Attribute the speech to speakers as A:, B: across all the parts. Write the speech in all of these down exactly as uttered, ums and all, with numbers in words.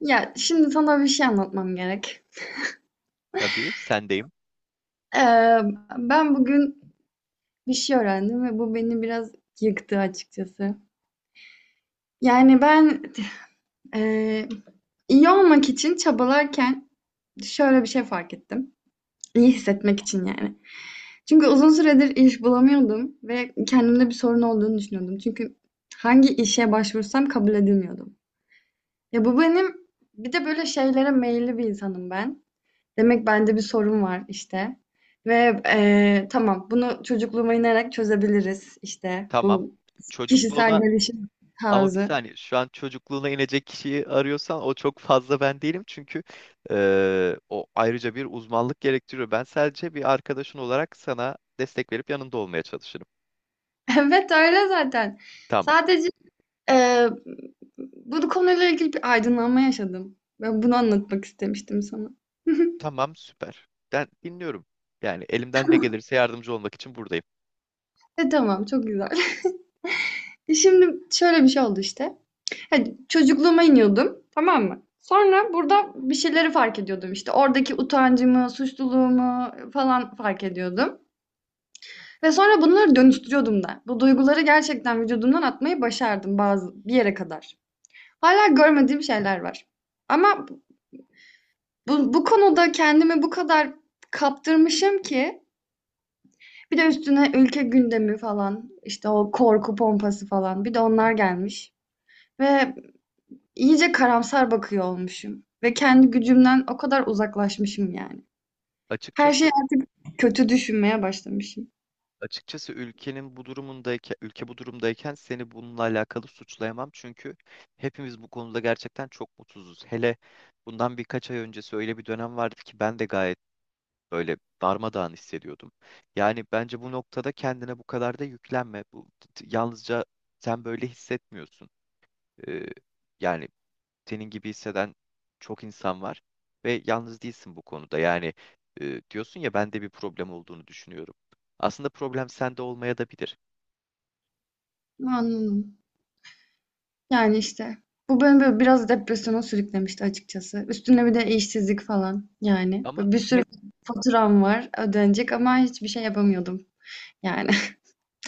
A: Ya şimdi sana bir şey anlatmam gerek.
B: Tabii sendeyim.
A: Ee, Ben bugün bir şey öğrendim ve bu beni biraz yıktı açıkçası. Yani ben e, iyi olmak için çabalarken şöyle bir şey fark ettim. İyi hissetmek için yani. Çünkü uzun süredir iş bulamıyordum ve kendimde bir sorun olduğunu düşünüyordum. Çünkü hangi işe başvursam kabul edilmiyordum. Ya bu benim bir de böyle şeylere meyilli bir insanım ben. Demek bende bir sorun var işte. Ve eee, Tamam, bunu çocukluğuma inerek çözebiliriz işte,
B: Tamam.
A: bu kişisel
B: Çocukluğuna,
A: gelişim
B: ama bir
A: tarzı.
B: saniye, şu an çocukluğuna inecek kişiyi arıyorsan o çok fazla ben değilim. Çünkü eee, o ayrıca bir uzmanlık gerektiriyor. Ben sadece bir arkadaşın olarak sana destek verip yanında olmaya çalışırım.
A: Evet, öyle zaten.
B: Tamam.
A: Sadece eee, bu konuyla ilgili bir aydınlanma yaşadım. Ben bunu anlatmak istemiştim sana.
B: Tamam, süper. Ben dinliyorum. Yani elimden ne gelirse yardımcı olmak için buradayım.
A: E tamam, çok güzel. Şimdi şöyle bir şey oldu işte. Hani çocukluğuma iniyordum, tamam mı? Sonra burada bir şeyleri fark ediyordum işte. Oradaki utancımı, suçluluğumu falan fark ediyordum. Ve sonra bunları dönüştürüyordum da. Bu duyguları gerçekten vücudumdan atmayı başardım bazı bir yere kadar. Hala görmediğim şeyler var. Ama bu, bu konuda kendimi bu kadar kaptırmışım ki bir de üstüne ülke gündemi falan işte, o korku pompası falan, bir de onlar gelmiş. Ve iyice karamsar bakıyor olmuşum. Ve kendi gücümden o kadar uzaklaşmışım yani. Her
B: Açıkçası
A: şeyi artık kötü düşünmeye başlamışım.
B: Açıkçası ülkenin bu durumundayken, ülke bu durumdayken seni bununla alakalı suçlayamam. Çünkü hepimiz bu konuda gerçekten çok mutsuzuz. Hele bundan birkaç ay öncesi öyle bir dönem vardı ki ben de gayet böyle darmadağın hissediyordum. Yani bence bu noktada kendine bu kadar da yüklenme. Bu t- yalnızca sen böyle hissetmiyorsun. Ee, Yani senin gibi hisseden çok insan var ve yalnız değilsin bu konuda. Yani e, diyorsun ya, bende bir problem olduğunu düşünüyorum. Aslında problem sende olmaya da bilir.
A: Anladım. Yani işte. Bu beni böyle biraz depresyona sürüklemişti açıkçası. Üstüne bir de işsizlik falan yani.
B: Ama
A: Böyle bir sürü
B: hep
A: faturam var ödenecek ama hiçbir şey yapamıyordum. Yani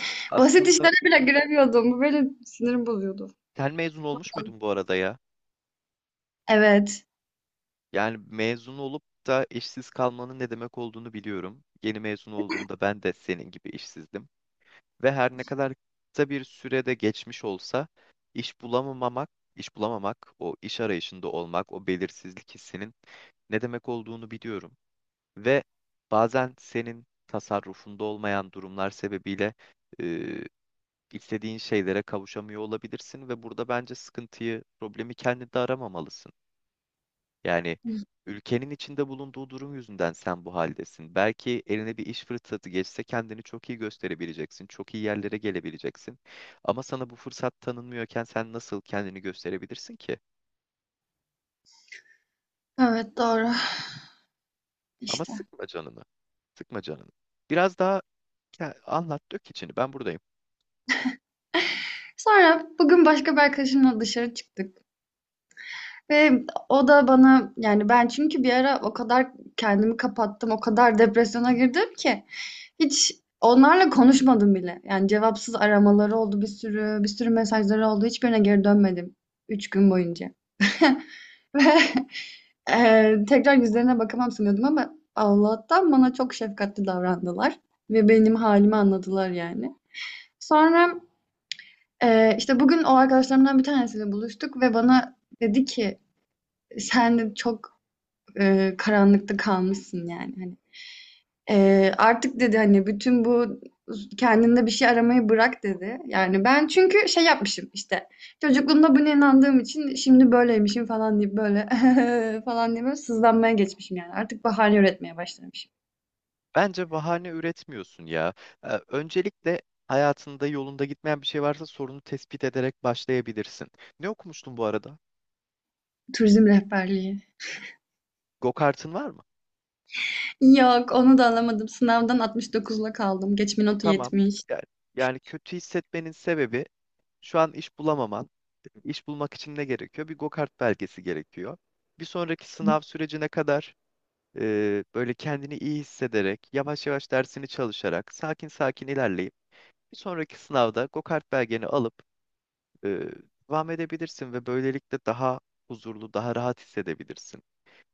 A: basit
B: Aslında
A: işlere bile giremiyordum. Bu benim sinirim bozuyordu.
B: sen mezun olmuş muydun bu arada ya?
A: Evet.
B: Yani mezun olup da işsiz kalmanın ne demek olduğunu biliyorum. Yeni mezun olduğumda ben de senin gibi işsizdim. Ve her ne kadar kısa bir sürede geçmiş olsa, iş bulamamak, iş bulamamak, o iş arayışında olmak, o belirsizlik hissinin ne demek olduğunu biliyorum. Ve bazen senin tasarrufunda olmayan durumlar sebebiyle e, istediğin şeylere kavuşamıyor olabilirsin ve burada bence sıkıntıyı, problemi kendinde aramamalısın. Yani ülkenin içinde bulunduğu durum yüzünden sen bu haldesin. Belki eline bir iş fırsatı geçse kendini çok iyi gösterebileceksin, çok iyi yerlere gelebileceksin. Ama sana bu fırsat tanınmıyorken sen nasıl kendini gösterebilirsin ki?
A: Evet, doğru.
B: Ama
A: İşte.
B: sıkma canını, sıkma canını. Biraz daha ke- anlat, dök içini. Ben buradayım.
A: Sonra bugün başka bir arkadaşımla dışarı çıktık. Ve o da bana yani, ben çünkü bir ara o kadar kendimi kapattım, o kadar depresyona girdim ki hiç onlarla konuşmadım bile. Yani cevapsız aramaları oldu bir sürü, bir sürü mesajları oldu. Hiçbirine geri dönmedim. Üç gün boyunca. Ve eee, Tekrar yüzlerine bakamam sanıyordum ama Allah'tan bana çok şefkatli davrandılar. Ve benim halimi anladılar yani. Sonra eee, işte bugün o arkadaşlarımdan bir tanesiyle buluştuk ve bana dedi ki sen de çok eee, karanlıkta kalmışsın yani hani. Eee, artık dedi hani bütün bu kendinde bir şey aramayı bırak dedi. Yani ben çünkü şey yapmışım işte, çocukluğumda buna inandığım için şimdi böyleymişim falan deyip böyle falan diye böyle sızlanmaya geçmişim yani. Artık bahane üretmeye başlamışım.
B: Bence bahane üretmiyorsun ya. Ee, öncelikle hayatında yolunda gitmeyen bir şey varsa sorunu tespit ederek başlayabilirsin. Ne okumuştun bu arada?
A: Turizm rehberliği.
B: Go-kart'ın var mı?
A: Yok, onu da alamadım. Sınavdan altmış dokuzla kaldım. Geçme notu
B: Tamam.
A: yetmiş.
B: Yani, yani kötü hissetmenin sebebi şu an iş bulamaman. İş bulmak için ne gerekiyor? Bir go-kart belgesi gerekiyor. Bir sonraki sınav sürecine kadar e, böyle kendini iyi hissederek, yavaş yavaş dersini çalışarak, sakin sakin ilerleyip bir sonraki sınavda go-kart belgeni alıp e, devam edebilirsin ve böylelikle daha huzurlu, daha rahat hissedebilirsin.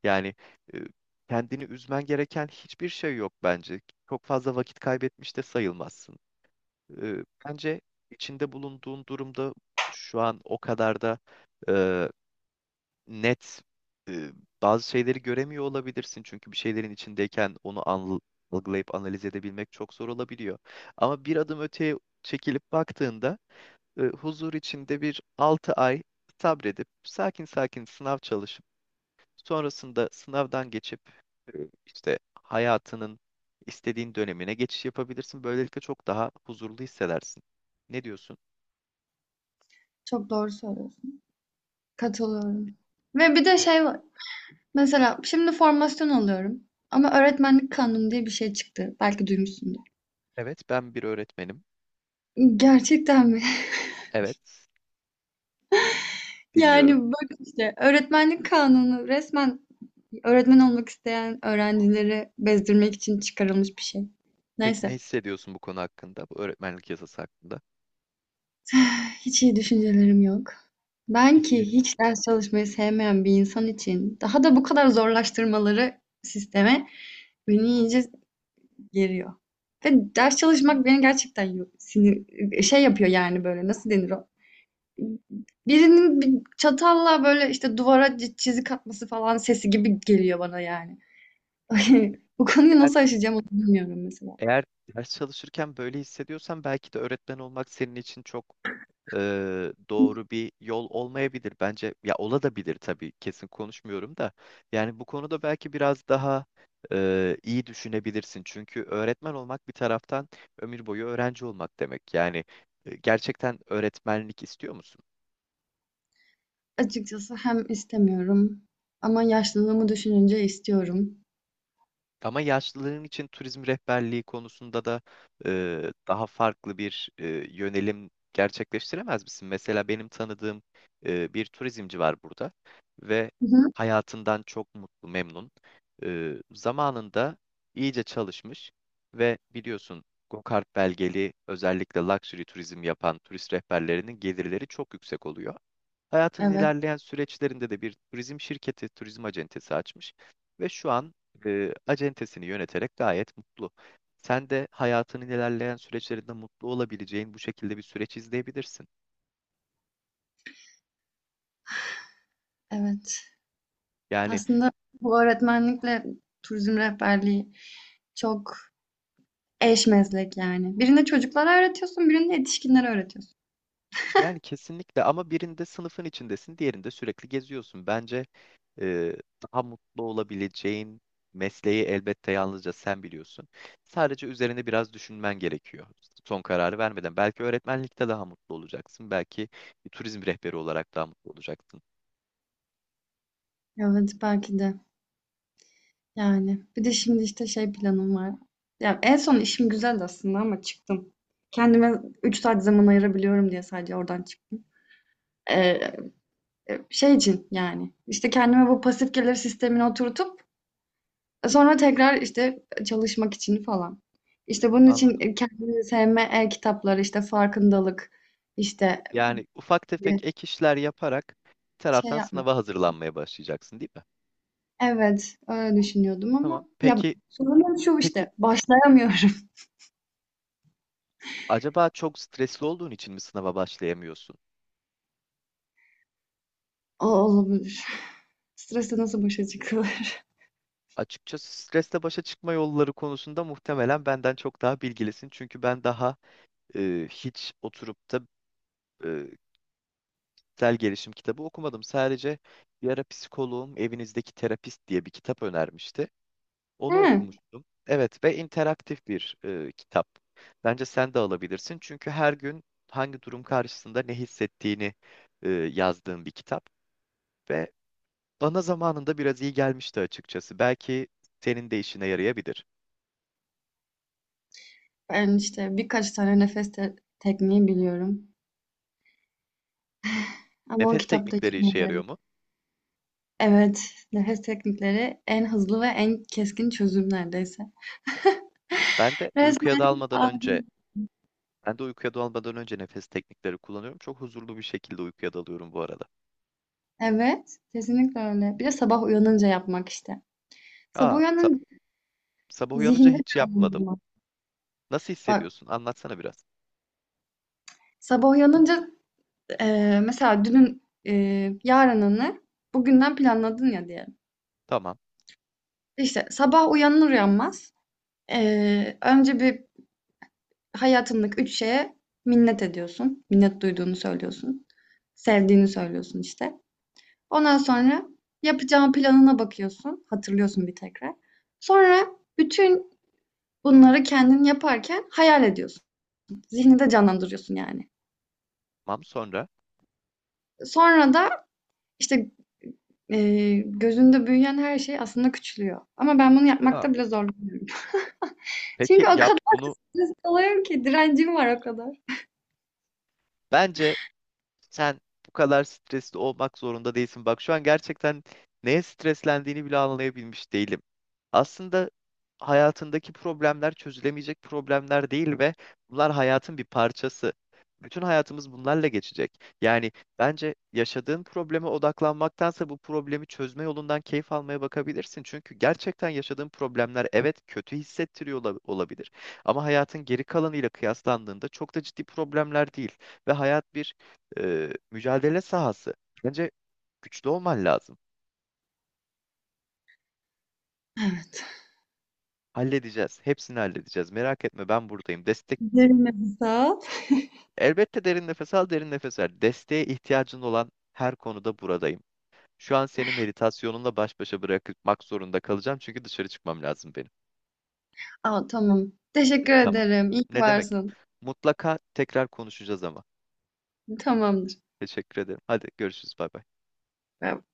B: Yani e, kendini üzmen gereken hiçbir şey yok bence. Çok fazla vakit kaybetmiş de sayılmazsın. E, Bence içinde bulunduğun durumda şu an o kadar da e, net e, bazı şeyleri göremiyor olabilirsin. Çünkü bir şeylerin içindeyken onu anl- algılayıp analiz edebilmek çok zor olabiliyor. Ama bir adım öteye çekilip baktığında e, huzur içinde bir altı ay sabredip sakin sakin sınav çalışıp sonrasında sınavdan geçip e, işte hayatının istediğin dönemine geçiş yapabilirsin. Böylelikle çok daha huzurlu hissedersin. Ne diyorsun?
A: Çok doğru söylüyorsun. Katılıyorum. Ve bir de
B: Ya,
A: şey var. Mesela şimdi formasyon alıyorum. Ama öğretmenlik kanunu diye bir şey çıktı. Belki duymuşsundur.
B: evet, ben bir öğretmenim.
A: Gerçekten mi?
B: Evet, dinliyorum.
A: Yani bak işte, öğretmenlik kanunu resmen öğretmen olmak isteyen öğrencileri bezdirmek için çıkarılmış bir şey.
B: Peki ne
A: Neyse.
B: hissediyorsun bu konu hakkında, bu öğretmenlik yasası hakkında?
A: Hiç iyi düşüncelerim yok. Ben ki
B: Hislerin.
A: hiç ders çalışmayı sevmeyen bir insan için daha da bu kadar zorlaştırmaları sisteme beni iyice geriyor. Ve ders çalışmak beni gerçekten yo- sinir şey yapıyor yani, böyle nasıl denir o? Birinin bir çatalla böyle işte duvara çi- çizik atması falan sesi gibi geliyor bana yani. Bu konuyu
B: Eğer,
A: nasıl aşacağım onu bilmiyorum mesela.
B: eğer ders çalışırken böyle hissediyorsan belki de öğretmen olmak senin için çok e, doğru bir yol olmayabilir. Bence ya ola da bilir tabii, kesin konuşmuyorum da. Yani bu konuda belki biraz daha e, iyi düşünebilirsin. Çünkü öğretmen olmak bir taraftan ömür boyu öğrenci olmak demek. Yani e, gerçekten öğretmenlik istiyor musun?
A: Açıkçası hem istemiyorum ama yaşlılığımı düşününce istiyorum.
B: Ama yaşlıların için turizm rehberliği konusunda da e, daha farklı bir e, yönelim gerçekleştiremez misin? Mesela benim tanıdığım e, bir turizmci var burada ve
A: Hı hı.
B: hayatından çok mutlu, memnun. E, zamanında iyice çalışmış ve biliyorsun, Gokart belgeli özellikle luxury turizm yapan turist rehberlerinin gelirleri çok yüksek oluyor. Hayatın
A: Evet,
B: ilerleyen süreçlerinde de bir turizm şirketi, turizm acentesi açmış ve şu an e, acentesini yöneterek gayet mutlu. Sen de hayatının ilerleyen süreçlerinde mutlu olabileceğin bu şekilde bir süreç izleyebilirsin.
A: evet.
B: Yani
A: Aslında bu öğretmenlikle turizm rehberliği çok eş meslek yani. Birinde çocuklara öğretiyorsun, birinde yetişkinlere öğretiyorsun.
B: Yani kesinlikle, ama birinde sınıfın içindesin, diğerinde sürekli geziyorsun. Bence e, daha mutlu olabileceğin mesleği elbette yalnızca sen biliyorsun. Sadece üzerine biraz düşünmen gerekiyor. Son kararı vermeden. Belki öğretmenlikte daha mutlu olacaksın. Belki bir turizm rehberi olarak daha mutlu olacaksın.
A: Evet, belki de. Yani bir de şimdi işte şey planım var. Ya en son işim güzeldi aslında ama çıktım. Kendime üç saat zaman ayırabiliyorum diye sadece oradan çıktım. Ee, e, Şey için yani, işte kendime bu pasif gelir sistemini oturtup sonra tekrar işte çalışmak için falan. İşte bunun için
B: Anladım.
A: kendini sevme e-kitapları işte farkındalık işte
B: Yani ufak
A: bir
B: tefek ek işler yaparak bir
A: şey
B: taraftan
A: yapmak.
B: sınava hazırlanmaya başlayacaksın, değil mi?
A: Evet, öyle düşünüyordum
B: Tamam.
A: ama ya,
B: Peki,
A: sorunum şu
B: peki
A: işte, başlayamıyorum.
B: acaba çok stresli olduğun için mi sınava başlayamıyorsun?
A: O olabilir. Stresle nasıl başa çıkılır?
B: Açıkçası stresle başa çıkma yolları konusunda muhtemelen benden çok daha bilgilisin. Çünkü ben daha e, hiç oturup da e, kişisel gelişim kitabı okumadım. Sadece bir ara psikoloğum evinizdeki terapist diye bir kitap önermişti. Onu
A: Hı.
B: okumuştum. Evet ve interaktif bir e, kitap. Bence sen de alabilirsin. Çünkü her gün hangi durum karşısında ne hissettiğini e, yazdığım bir kitap. Ve bana zamanında biraz iyi gelmişti açıkçası. Belki senin de işine yarayabilir.
A: Ben işte birkaç tane nefes te- tekniği biliyorum. Ama o
B: Nefes
A: kitaptaki
B: teknikleri işe yarıyor
A: gibi.
B: mu?
A: Evet, nefes teknikleri en hızlı ve en keskin çözüm neredeyse.
B: Ben de uykuya
A: Resmen
B: dalmadan önce
A: aldım.
B: Ben de uykuya dalmadan önce nefes teknikleri kullanıyorum. Çok huzurlu bir şekilde uykuya dalıyorum bu arada.
A: Evet, kesinlikle öyle. Bir de sabah uyanınca yapmak işte. Sabah
B: Aa, sa-
A: uyanınca
B: sabah uyanınca
A: zihinde
B: hiç yapmadım.
A: canlandırmak.
B: Nasıl
A: Bak,
B: hissediyorsun? Anlatsana biraz.
A: sabah uyanınca e, mesela dünün e, yarınını bugünden planladın ya, diyelim.
B: Tamam.
A: İşte sabah uyanır uyanmaz e, önce bir hayatındaki üç şeye minnet ediyorsun. Minnet duyduğunu söylüyorsun. Sevdiğini söylüyorsun işte. Ondan sonra yapacağın planına bakıyorsun. Hatırlıyorsun bir tekrar. Sonra bütün bunları kendin yaparken hayal ediyorsun. Zihninde canlandırıyorsun yani.
B: Tamam, sonra.
A: Sonra da işte e, gözünde büyüyen her şey aslında küçülüyor. Ama ben bunu
B: Aa,
A: yapmakta bile zorlanıyorum. Çünkü
B: peki
A: o
B: yap
A: kadar
B: bunu.
A: stresli oluyorum ki, direncim var o kadar.
B: Bence Sen bu kadar stresli olmak zorunda değilsin. Bak şu an gerçekten neye streslendiğini bile anlayabilmiş değilim. Aslında hayatındaki problemler çözülemeyecek problemler değil ve bunlar hayatın bir parçası. Bütün hayatımız bunlarla geçecek. Yani bence yaşadığın probleme odaklanmaktansa bu problemi çözme yolundan keyif almaya bakabilirsin. Çünkü gerçekten yaşadığın problemler evet kötü hissettiriyor ola- olabilir. Ama hayatın geri kalanıyla kıyaslandığında çok da ciddi problemler değil. Ve hayat bir e, mücadele sahası. Bence güçlü olman lazım.
A: Evet.
B: Halledeceğiz. Hepsini halledeceğiz. Merak etme, ben buradayım. Destek
A: Derin nefes al.
B: elbette, derin nefes al, derin nefes ver. Desteğe ihtiyacın olan her konuda buradayım. Şu an seni meditasyonunla baş başa bırakmak zorunda kalacağım çünkü dışarı çıkmam lazım benim.
A: Aa, tamam. Teşekkür
B: Tamam.
A: ederim. İyi ki
B: Ne demek?
A: varsın.
B: Mutlaka tekrar konuşacağız ama.
A: Tamamdır.
B: Teşekkür ederim. Hadi görüşürüz. Bay bay.
A: Bay bay.